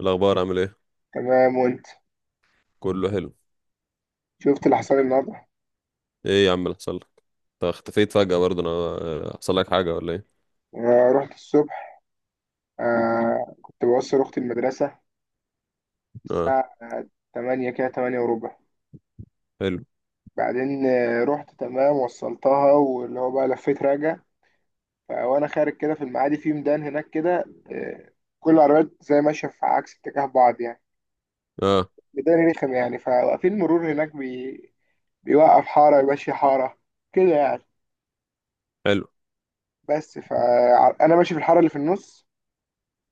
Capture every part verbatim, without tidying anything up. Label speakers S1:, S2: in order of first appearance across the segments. S1: الاخبار عامل ايه؟
S2: تمام وانت؟
S1: كله حلو.
S2: شفت اللي حصل لي النهارده.
S1: ايه يا عم اللي حصل لك؟ انت اختفيت فجأة برضه. انا آه، حصل لك حاجة ولا ايه؟
S2: آه، رحت الصبح. آه كنت بوصل اختي المدرسه
S1: اه.
S2: الساعه تمانية كده، تمانية وربع.
S1: حلو.
S2: بعدين آه، رحت تمام وصلتها، واللي هو بقى لفيت راجع. ف- وانا خارج كده في المعادي في ميدان هناك كده، آه، كل العربيات زي ماشيه في عكس اتجاه بعض يعني.
S1: اه.
S2: ميدان رخم يعني، فواقفين مرور هناك بي... بيوقف حاره يمشي حاره كده يعني.
S1: حلو.
S2: بس فانا ماشي في الحاره اللي في النص،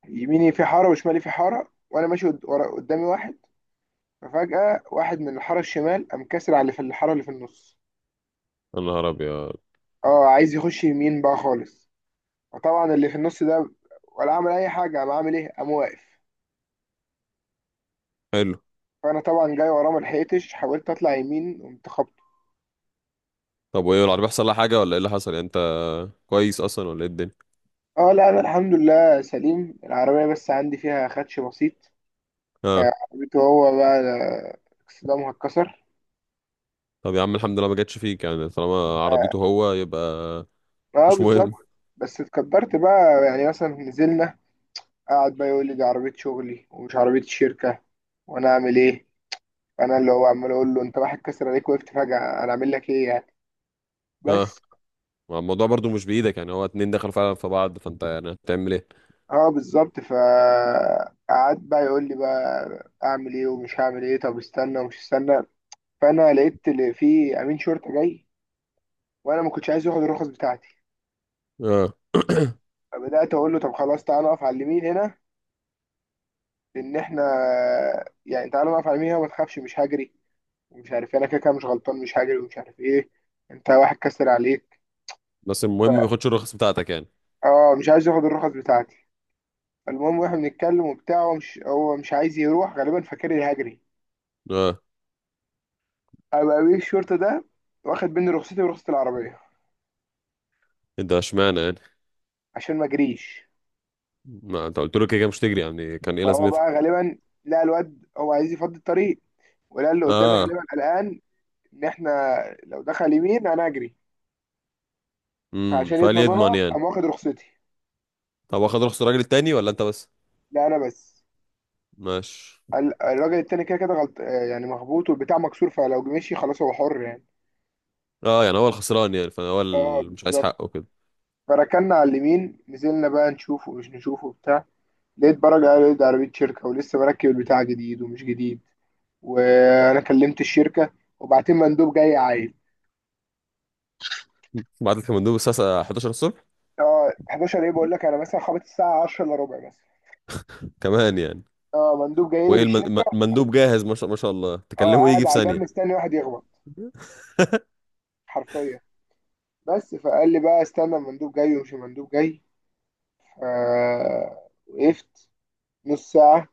S2: يميني في حاره وشمالي في حاره، وانا ماشي قد- ورا- قدامي واحد. ففجأة واحد من الحارة الشمال قام كاسر على اللي في الحارة اللي في النص،
S1: يا نهار ابيض.
S2: اه عايز يخش يمين بقى خالص. فطبعا اللي في النص ده ولا عمل أي حاجة، قام عامل إيه؟ قام واقف.
S1: حلو.
S2: فأنا طبعا جاي وراه، ملحقتش، حاولت أطلع يمين، قمت خبطه.
S1: طب وايه العربية، حصل لها حاجة ولا ايه اللي حصل يعني؟ انت كويس اصلا ولا ايه الدنيا؟
S2: اه لا، أنا الحمد لله سليم، العربية بس عندي فيها خدش بسيط.
S1: اه.
S2: آه، عربيته هو بقى آه، اكسدامها اتكسر.
S1: طب يا عم الحمد لله ما جاتش فيك يعني، طالما
S2: اه
S1: عربيته هو يبقى
S2: آه،
S1: مش مهم.
S2: بالظبط. بس اتقدرت بقى يعني، مثلا نزلنا، قعد بقى يقول لي دي عربية شغلي ومش عربية الشركة. وأنا أعمل إيه؟ انا اللي هو عمال اقول له انت واحد كسر عليك وقفت فجأة، انا اعمل لك ايه يعني؟
S1: اه،
S2: بس.
S1: ما الموضوع برضه مش بايدك يعني، هو اتنين دخلوا فعلا في بعض، فانت يعني هتعمل ايه؟
S2: اه بالظبط. فقعد بقى يقول لي بقى اعمل ايه ومش هعمل ايه، طب استنى ومش استنى. فانا لقيت اللي في امين شرطة جاي، وانا ما كنتش عايز ياخد الرخص بتاعتي.
S1: اه
S2: فبدأت اقول له طب خلاص تعالى نقف على اليمين هنا، لان احنا يعني تعالى نقف على اليمين هنا وما تخافش مش هجري. ومش عارف إيه، انا كده كده مش غلطان، مش هجري ومش عارف ايه، انت واحد كسر عليك.
S1: بس المهم ما ياخدش الرخص بتاعتك يعني.
S2: اه مش عايز ياخد الرخص بتاعتي. المهم واحنا بنتكلم وبتاع، هو مش هو مش عايز يروح، غالبا فاكر إني هجري.
S1: اه.
S2: ابقى امير الشرطه ده واخد مني رخصتي ورخصه العربيه
S1: انت اشمعنى يعني؟
S2: عشان ما اجريش.
S1: ما انت قلت له كده كده مش تجري، يعني كان ايه
S2: فهو
S1: لازمتها؟
S2: بقى غالبا لقى الواد هو عايز يفضي الطريق، ولقى اللي قدامي
S1: اه.
S2: غالبا قلقان ان احنا لو دخل يمين انا اجري.
S1: امم،
S2: فعشان
S1: فقال
S2: يضمن انا
S1: يضمن يعني.
S2: قام واخد رخصتي.
S1: طب واخد رخص الراجل التاني ولا انت بس؟
S2: لا انا بس.
S1: ماشي.
S2: ال- الراجل التاني كده كده غلط آه، يعني مخبوط والبتاع مكسور، فلو مشي خلاص هو حر يعني.
S1: اه يعني هو الخسران يعني، فهو
S2: اه
S1: اللي مش عايز
S2: بالظبط.
S1: حقه كده.
S2: فركنا على اليمين، نزلنا بقى نشوفه مش نشوفه بتاع. لقيت برجع على- لقيت عربية شركة ولسه مركب البتاع جديد ومش جديد. وانا كلمت الشركة وبعتين مندوب جاي عايل.
S1: بعت لك المندوب الساعه إحداشر الصبح
S2: اه حداشر ايه؟ بقول لك انا مثلا خبط الساعة عشرة الا ربع مثلا.
S1: كمان يعني؟
S2: اه مندوب جاي لي من
S1: وايه الم-
S2: الشركة.
S1: الم- المندوب جاهز؟ ما شاء ما شاء الله،
S2: اه
S1: تكلمه
S2: قاعد
S1: يجي في
S2: على الباب
S1: ثانيه.
S2: مستني واحد يخبط، حرفيا. بس فقال لي بقى استنى المندوب جاي ومش المندوب جاي. آه وقفت نص ساعة.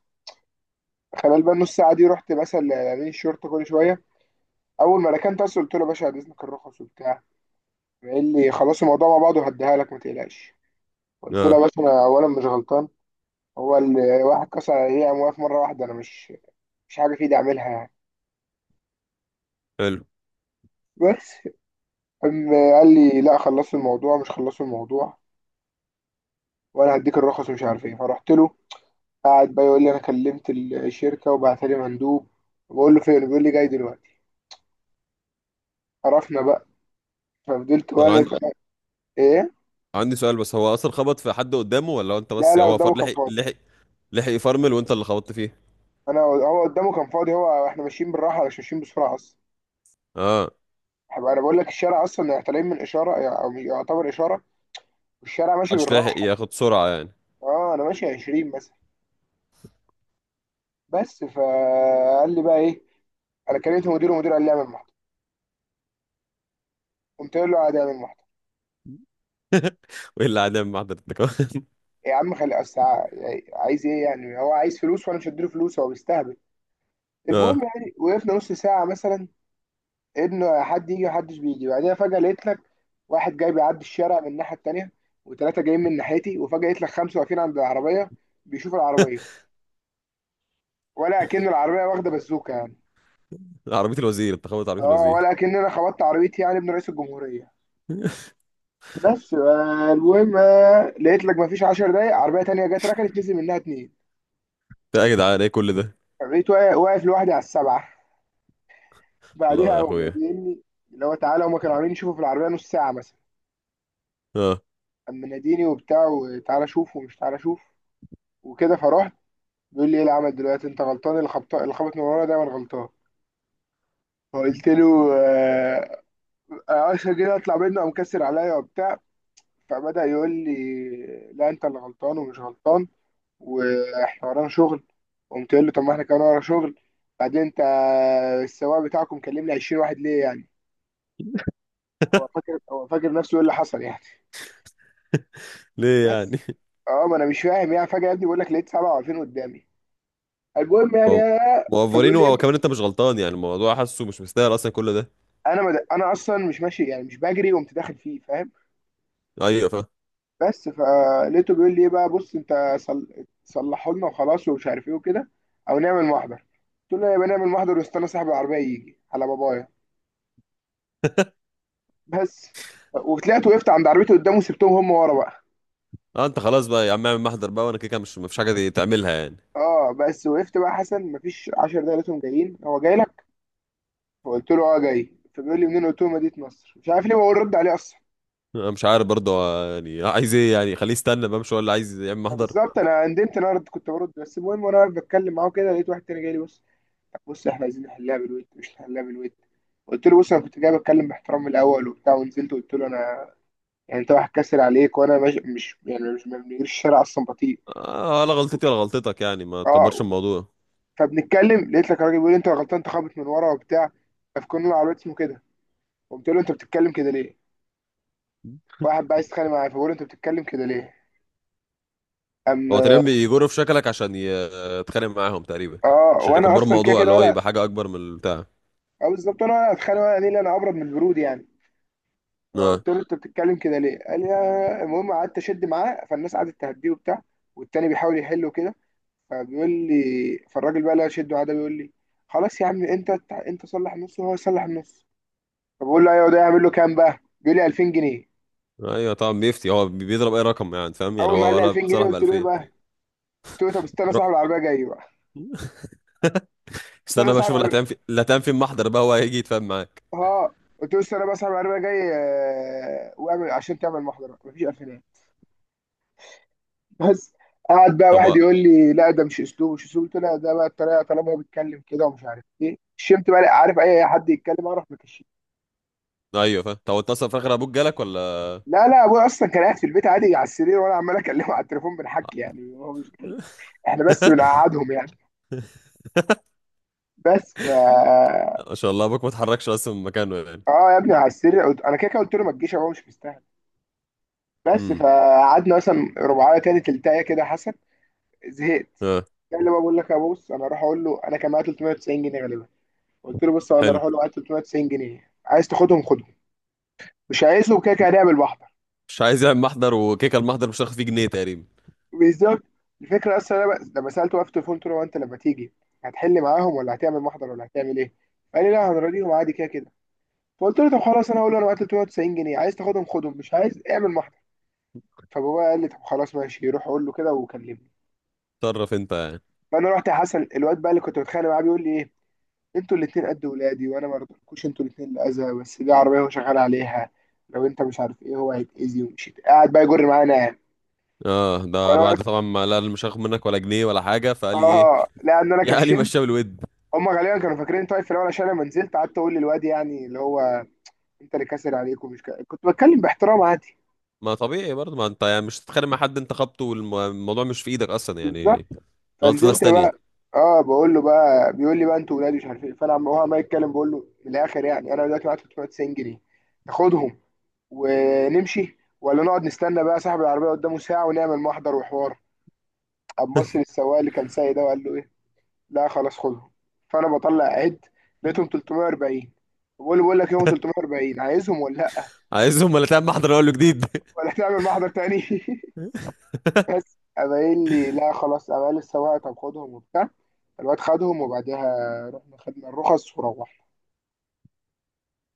S2: خلال بقى النص ساعة دي رحت مثلا لأمين الشرطة كل شوية. أول ما ركنت أصل قلت له يا باشا عايز إذنك الرخص وبتاع. قال لي خلاص الموضوع مع بعض وهديها لك ما تقلقش. قلت له يا
S1: اه.
S2: باشا انا اولا مش غلطان، هو اللي واحد كسر عليا قام واقف مره واحده، انا مش مش حاجه في ايدي اعملها يعني.
S1: حلو.
S2: بس. قام قال لي لا خلصوا الموضوع مش خلصوا الموضوع، وانا هديك الرخص ومش عارف ايه، فرحت له. قاعد بقى يقول لي انا كلمت الشركه وبعت لي مندوب. بقول له فين؟ بيقول لي جاي دلوقتي. عرفنا بقى. ففضلت
S1: طب
S2: واقف.
S1: عن...
S2: ايه؟
S1: عندي سؤال بس، هو اصلا خبط في حد قدامه ولا هو انت
S2: لا
S1: بس؟
S2: لا،
S1: هو
S2: قدامه
S1: فر،
S2: كان
S1: لحق
S2: فاضي.
S1: لحق لحق يفرمل وانت اللي خبطت فيه؟
S2: انا هو قدامه كان فاضي، هو احنا ماشيين بالراحه مش ماشيين بسرعه اصلا.
S1: اه.
S2: هبقى انا بقول لك الشارع اصلا طالعين من اشاره او يعتبر اشاره، والشارع ماشي
S1: محدش لحق
S2: بالراحه.
S1: ياخد سرعه يعني.
S2: اه انا ماشي عشرين مثلا. بس فقال لي بقى ايه، انا كلمت مديره ومدير قال لي اعمل محضر. قمت قايل له عادي اعمل محضر.
S1: وايه اللي قاعد يعمل محضر انت كمان؟
S2: يا عم خلي أصل ع- يعني عايز ايه يعني؟ هو عايز فلوس وانا مش هديله فلوس، هو بيستهبل. المهم
S1: اه،
S2: يعني وقفنا نص ساعه مثلا ان حد يجي، محدش بيجي. بعدها فجاه لقيت لك واحد جاي بيعدي الشارع من الناحيه التانيه، وثلاثه جايين من ناحيتي، وفجاه لقيت لك خمسه واقفين عند العربيه بيشوفوا العربيه، ولا اكن العربيه واخده بازوكه يعني.
S1: عربيه الوزير، انت خبطت عربيه
S2: اه
S1: الوزير.
S2: ولا اكن انا خبطت عربيتي يعني ابن رئيس الجمهوريه. بس آه، المهم آه، لقيت لك مفيش عشر دقايق عربيه تانية جت ركنت، نزل منها اتنين.
S1: ده يا جدعان ايه كل ده؟
S2: بقيت واقف واقف لوحدي على السبعه.
S1: لا
S2: بعدها
S1: يا
S2: هو
S1: اخويا.
S2: بيناديني، اللي هو تعالى. هما كانوا عاملين يشوفوا في العربيه نص ساعه مثلا.
S1: اه.
S2: اما ناديني وبتاع وتعالى شوف ومش تعالى شوف وكده، فرحت. بيقول لي ايه العمل دلوقتي؟ انت غلطان، اللي خبط اللي خبط من ورا دايما غلطان. فقلت له آه، آه، عشان كده اطلع منه قام كسر عليا وبتاع. فبدأ يقول لي لا انت اللي غلطان ومش غلطان، واحنا ورانا شغل. قمت قايل له طب ما احنا كمان ورا شغل. بعدين انت السواق بتاعكم كلم لي عشرين واحد ليه يعني؟ هو فاكر، هو فاكر نفسه ايه اللي حصل يعني؟
S1: ليه يعني؟
S2: بس. اه ما انا مش فاهم يعني، فجاه يا ابني بقول لك لقيت سبعة وعشرين قدامي. المهم يعني
S1: هو-
S2: أنا- فبيقول لي
S1: موفرينه،
S2: إيه؟
S1: وكمان انت مش غلطان يعني، الموضوع حاسه مش مستاهل اصلا كل ده.
S2: انا مد... انا اصلا مش ماشي، يعني مش بجري وقمت داخل فيه، فاهم؟
S1: ايوه فاهم.
S2: بس فلقيته بيقول لي ايه بقى، بص انت صل... صلحوا لنا وخلاص ومش عارف ايه وكده، او نعمل محضر. قلت له يا بني نعمل محضر، واستنى صاحب العربيه يجي على بابايا. بس. وطلعت وقفت عند عربيته قدامه وسبتهم هم ورا بقى.
S1: اه انت خلاص بقى يا عم، اعمل محضر بقى، وانا كده كده مش مفيش حاجه دي تعملها يعني.
S2: اه بس وقفت بقى، حسن مفيش عشر دقايق لقيتهم جايين، هو جاي لك. فقلت له اه جاي. فبيقول لي منين؟ قلت له مدينه نصر. مش عارف ليه بقول، رد عليه اصلا.
S1: انا مش عارف برضه آه، يعني عايز ايه يعني؟ خليه يستنى بقى، مش هو اللي عايز يعمل
S2: ما
S1: محضر.
S2: بالظبط انا ندمت ان انا رد- كنت برد. بس المهم وانا واقف بتكلم معاه كده لقيت واحد تاني جاي لي، بص، طب بص احنا عايزين نحلها بالود مش نحلها بالود. قلت له بص انا كنت جاي بتكلم باحترام من الاول وبتاع ونزلت قلت له انا يعني انت واحد كاسر عليك، وانا مش, مش يعني مش ما بنجريش، الشارع اصلا بطيء.
S1: آه، ولا غلطتي ولا غلطتك يعني، ما تكبرش
S2: اه
S1: الموضوع.
S2: فبنتكلم لقيت لك راجل بيقول لي انت غلطان انت خابط من ورا وبتاع. فكنا على الواد اسمه كده. قمت له انت بتتكلم كده ليه؟ واحد بقى عايز يتخانق معايا، فبقول له انت بتتكلم كده ليه؟ ام.
S1: هو تقريبا بيجروا في شكلك عشان ي- يتخانق معاهم تقريبا،
S2: اه
S1: عشان
S2: وانا
S1: يكبروا
S2: اصلا كده
S1: الموضوع
S2: كده
S1: اللي هو
S2: ولا.
S1: يبقى حاجه اكبر من البتاع.
S2: اه بالظبط، انا ولا اتخانق ولا ليه، انا ابرد من البرود يعني. اه
S1: اه.
S2: قلت له انت بتتكلم كده ليه؟ قال لي اه. المهم قعدت اشد معاه، فالناس قعدت تهديه وبتاع والتاني بيحاول يحله كده. فبيقول لي، فالراجل بقى اللي انا شده معاه ده بيقول لي خلاص يا عم، انت انت صلح النص وهو يصلح النص. فبقول له ايوه، ده يعمل له كام بقى؟ بيقول لي الفين جنيه.
S1: ايوه طبعا، بيفتي، هو بيضرب اي رقم، يعني فاهم يعني،
S2: اول ما قال
S1: هو
S2: لي
S1: ولا
S2: الفين جنيه
S1: بتصالح ب
S2: قلت له ايه
S1: ألفين.
S2: بقى؟ قلت له طب استنى صاحب العربيه جاي بقى. استنى
S1: استنى بقى
S2: صاحب
S1: اشوف اللي هتعمل
S2: العربيه.
S1: في اللي هتعمل في المحضر بقى، هو هيجي يتفاهم معاك.
S2: اه قلت له استنى بقى صاحب العربيه جاي، آه، واعمل عشان تعمل محضره، مفيش الفين. بس. قعد بقى
S1: طب
S2: واحد
S1: و-
S2: يقول لي لا ده مش اسلوب مش اسلوب. قلت له لا ده بقى الطريقه، طالما هو بيتكلم كده ومش عارف ايه شمت بقى لا، عارف اي حد يتكلم اعرف مكشي.
S1: ايوه فاهم. طب اتصل في الاخر ابوك جالك ولا؟
S2: لا لا، ابويا اصلا كان قاعد في البيت عادي على السرير، وانا عمال اكلمه على التليفون بنحكي يعني هو مش. احنا بس بنقعدهم يعني. بس ف.
S1: ما شاء الله، ابوك ما اتحركش اصلا من مكانه يعني.
S2: اه يا ابني على السرير، قلت انا كده كده قلت له ما تجيش هو مش مستاهل. بس
S1: امم.
S2: فقعدنا مثلا ربعايه كده تلتايه كده حسب. زهقت.
S1: اه.
S2: قال لي بقى، بقول لك يا بص انا اروح اقول له، انا كان معايا تلتمية جنيه غالبا. قلت له بص انا
S1: حلو.
S2: اروح اقول له معايا تلتمية وتسعين جنيه، عايز تاخدهم خدهم، مش عايزهم كده كده هنعمل بحضر.
S1: مش عايز يعمل محضر، وكيكه المحضر مش هتاخد فيه جنيه تقريبا.
S2: بالظبط. الفكره اصلا انا بقى- لما سالته بقى في التليفون قلت له هو انت لما تيجي هتحل معاهم ولا هتعمل محضر ولا هتعمل ايه؟ قال لي لا هنراضيهم عادي كده كده. فقلت له طب خلاص انا هقول له انا معايا تلتمية وتسعين جنيه عايز تاخدهم خدهم، مش عايز اعمل محضر. فبابا قال لي طب خلاص ماشي، روح قول له كده وكلمني.
S1: تصرف انت يعني.
S2: فانا رحت يا حسن. الواد بقى اللي كنت بتخانق معاه بيقول لي ايه، انتوا الاتنين قد ولادي وانا ما رضيتكوش انتوا الاتنين الاذى، بس دي عربيه هو شغال عليها، لو انت مش عارف ايه هو هيتاذي ومش هيت- قاعد بقى يجر معانا.
S1: اه، ده
S2: وانا
S1: بعد
S2: واقف.
S1: طبعا ما لا، مش هاخد منك ولا جنيه ولا حاجه، فقال لي ايه؟
S2: اه لان انا
S1: يا قال لي
S2: كشمت.
S1: مشاه بالود.
S2: هم غالبا كانوا فاكرين انت واقف في الاول، عشان لما نزلت قعدت اقول للواد يعني اللي هو انت اللي كاسر عليك، ومش ك... كنت بتكلم باحترام عادي.
S1: ما طبيعي برضه، ما انت يعني مش هتتخانق مع حد انت خبطه، والموضوع مش في ايدك اصلا
S2: بالظبط.
S1: يعني. غلطة ناس
S2: فنزلت بقى.
S1: تانية.
S2: اه بقول له بقى، بيقول لي بقى انتوا ولادي مش عارف ايه، فانا عم- هو عمال يتكلم، بقول له من الاخر يعني انا دلوقتي معايا تلتمية وتسعين جنيه، تاخدهم ونمشي ولا نقعد نستنى بقى صاحب العربية قدامه ساعة ونعمل محضر وحوار. قام بص للسواق اللي كان سايق ده وقال له ايه؟ لا خلاص خدهم. فانا بطلع عد، لقيتهم تلتمية واربعين. بقول له بقول لك يوم تلتمية واربعين، عايزهم ولا لا؟
S1: عايزهم ولا تعمل محضر؟ اقول له جديد.
S2: ولا تعمل محضر تاني؟ بس قام قايل لي لا خلاص، قام قال للسواق طب خدهم وبتاع. الواد خدهم، وبعدها رحنا خدنا الرخص وروحنا.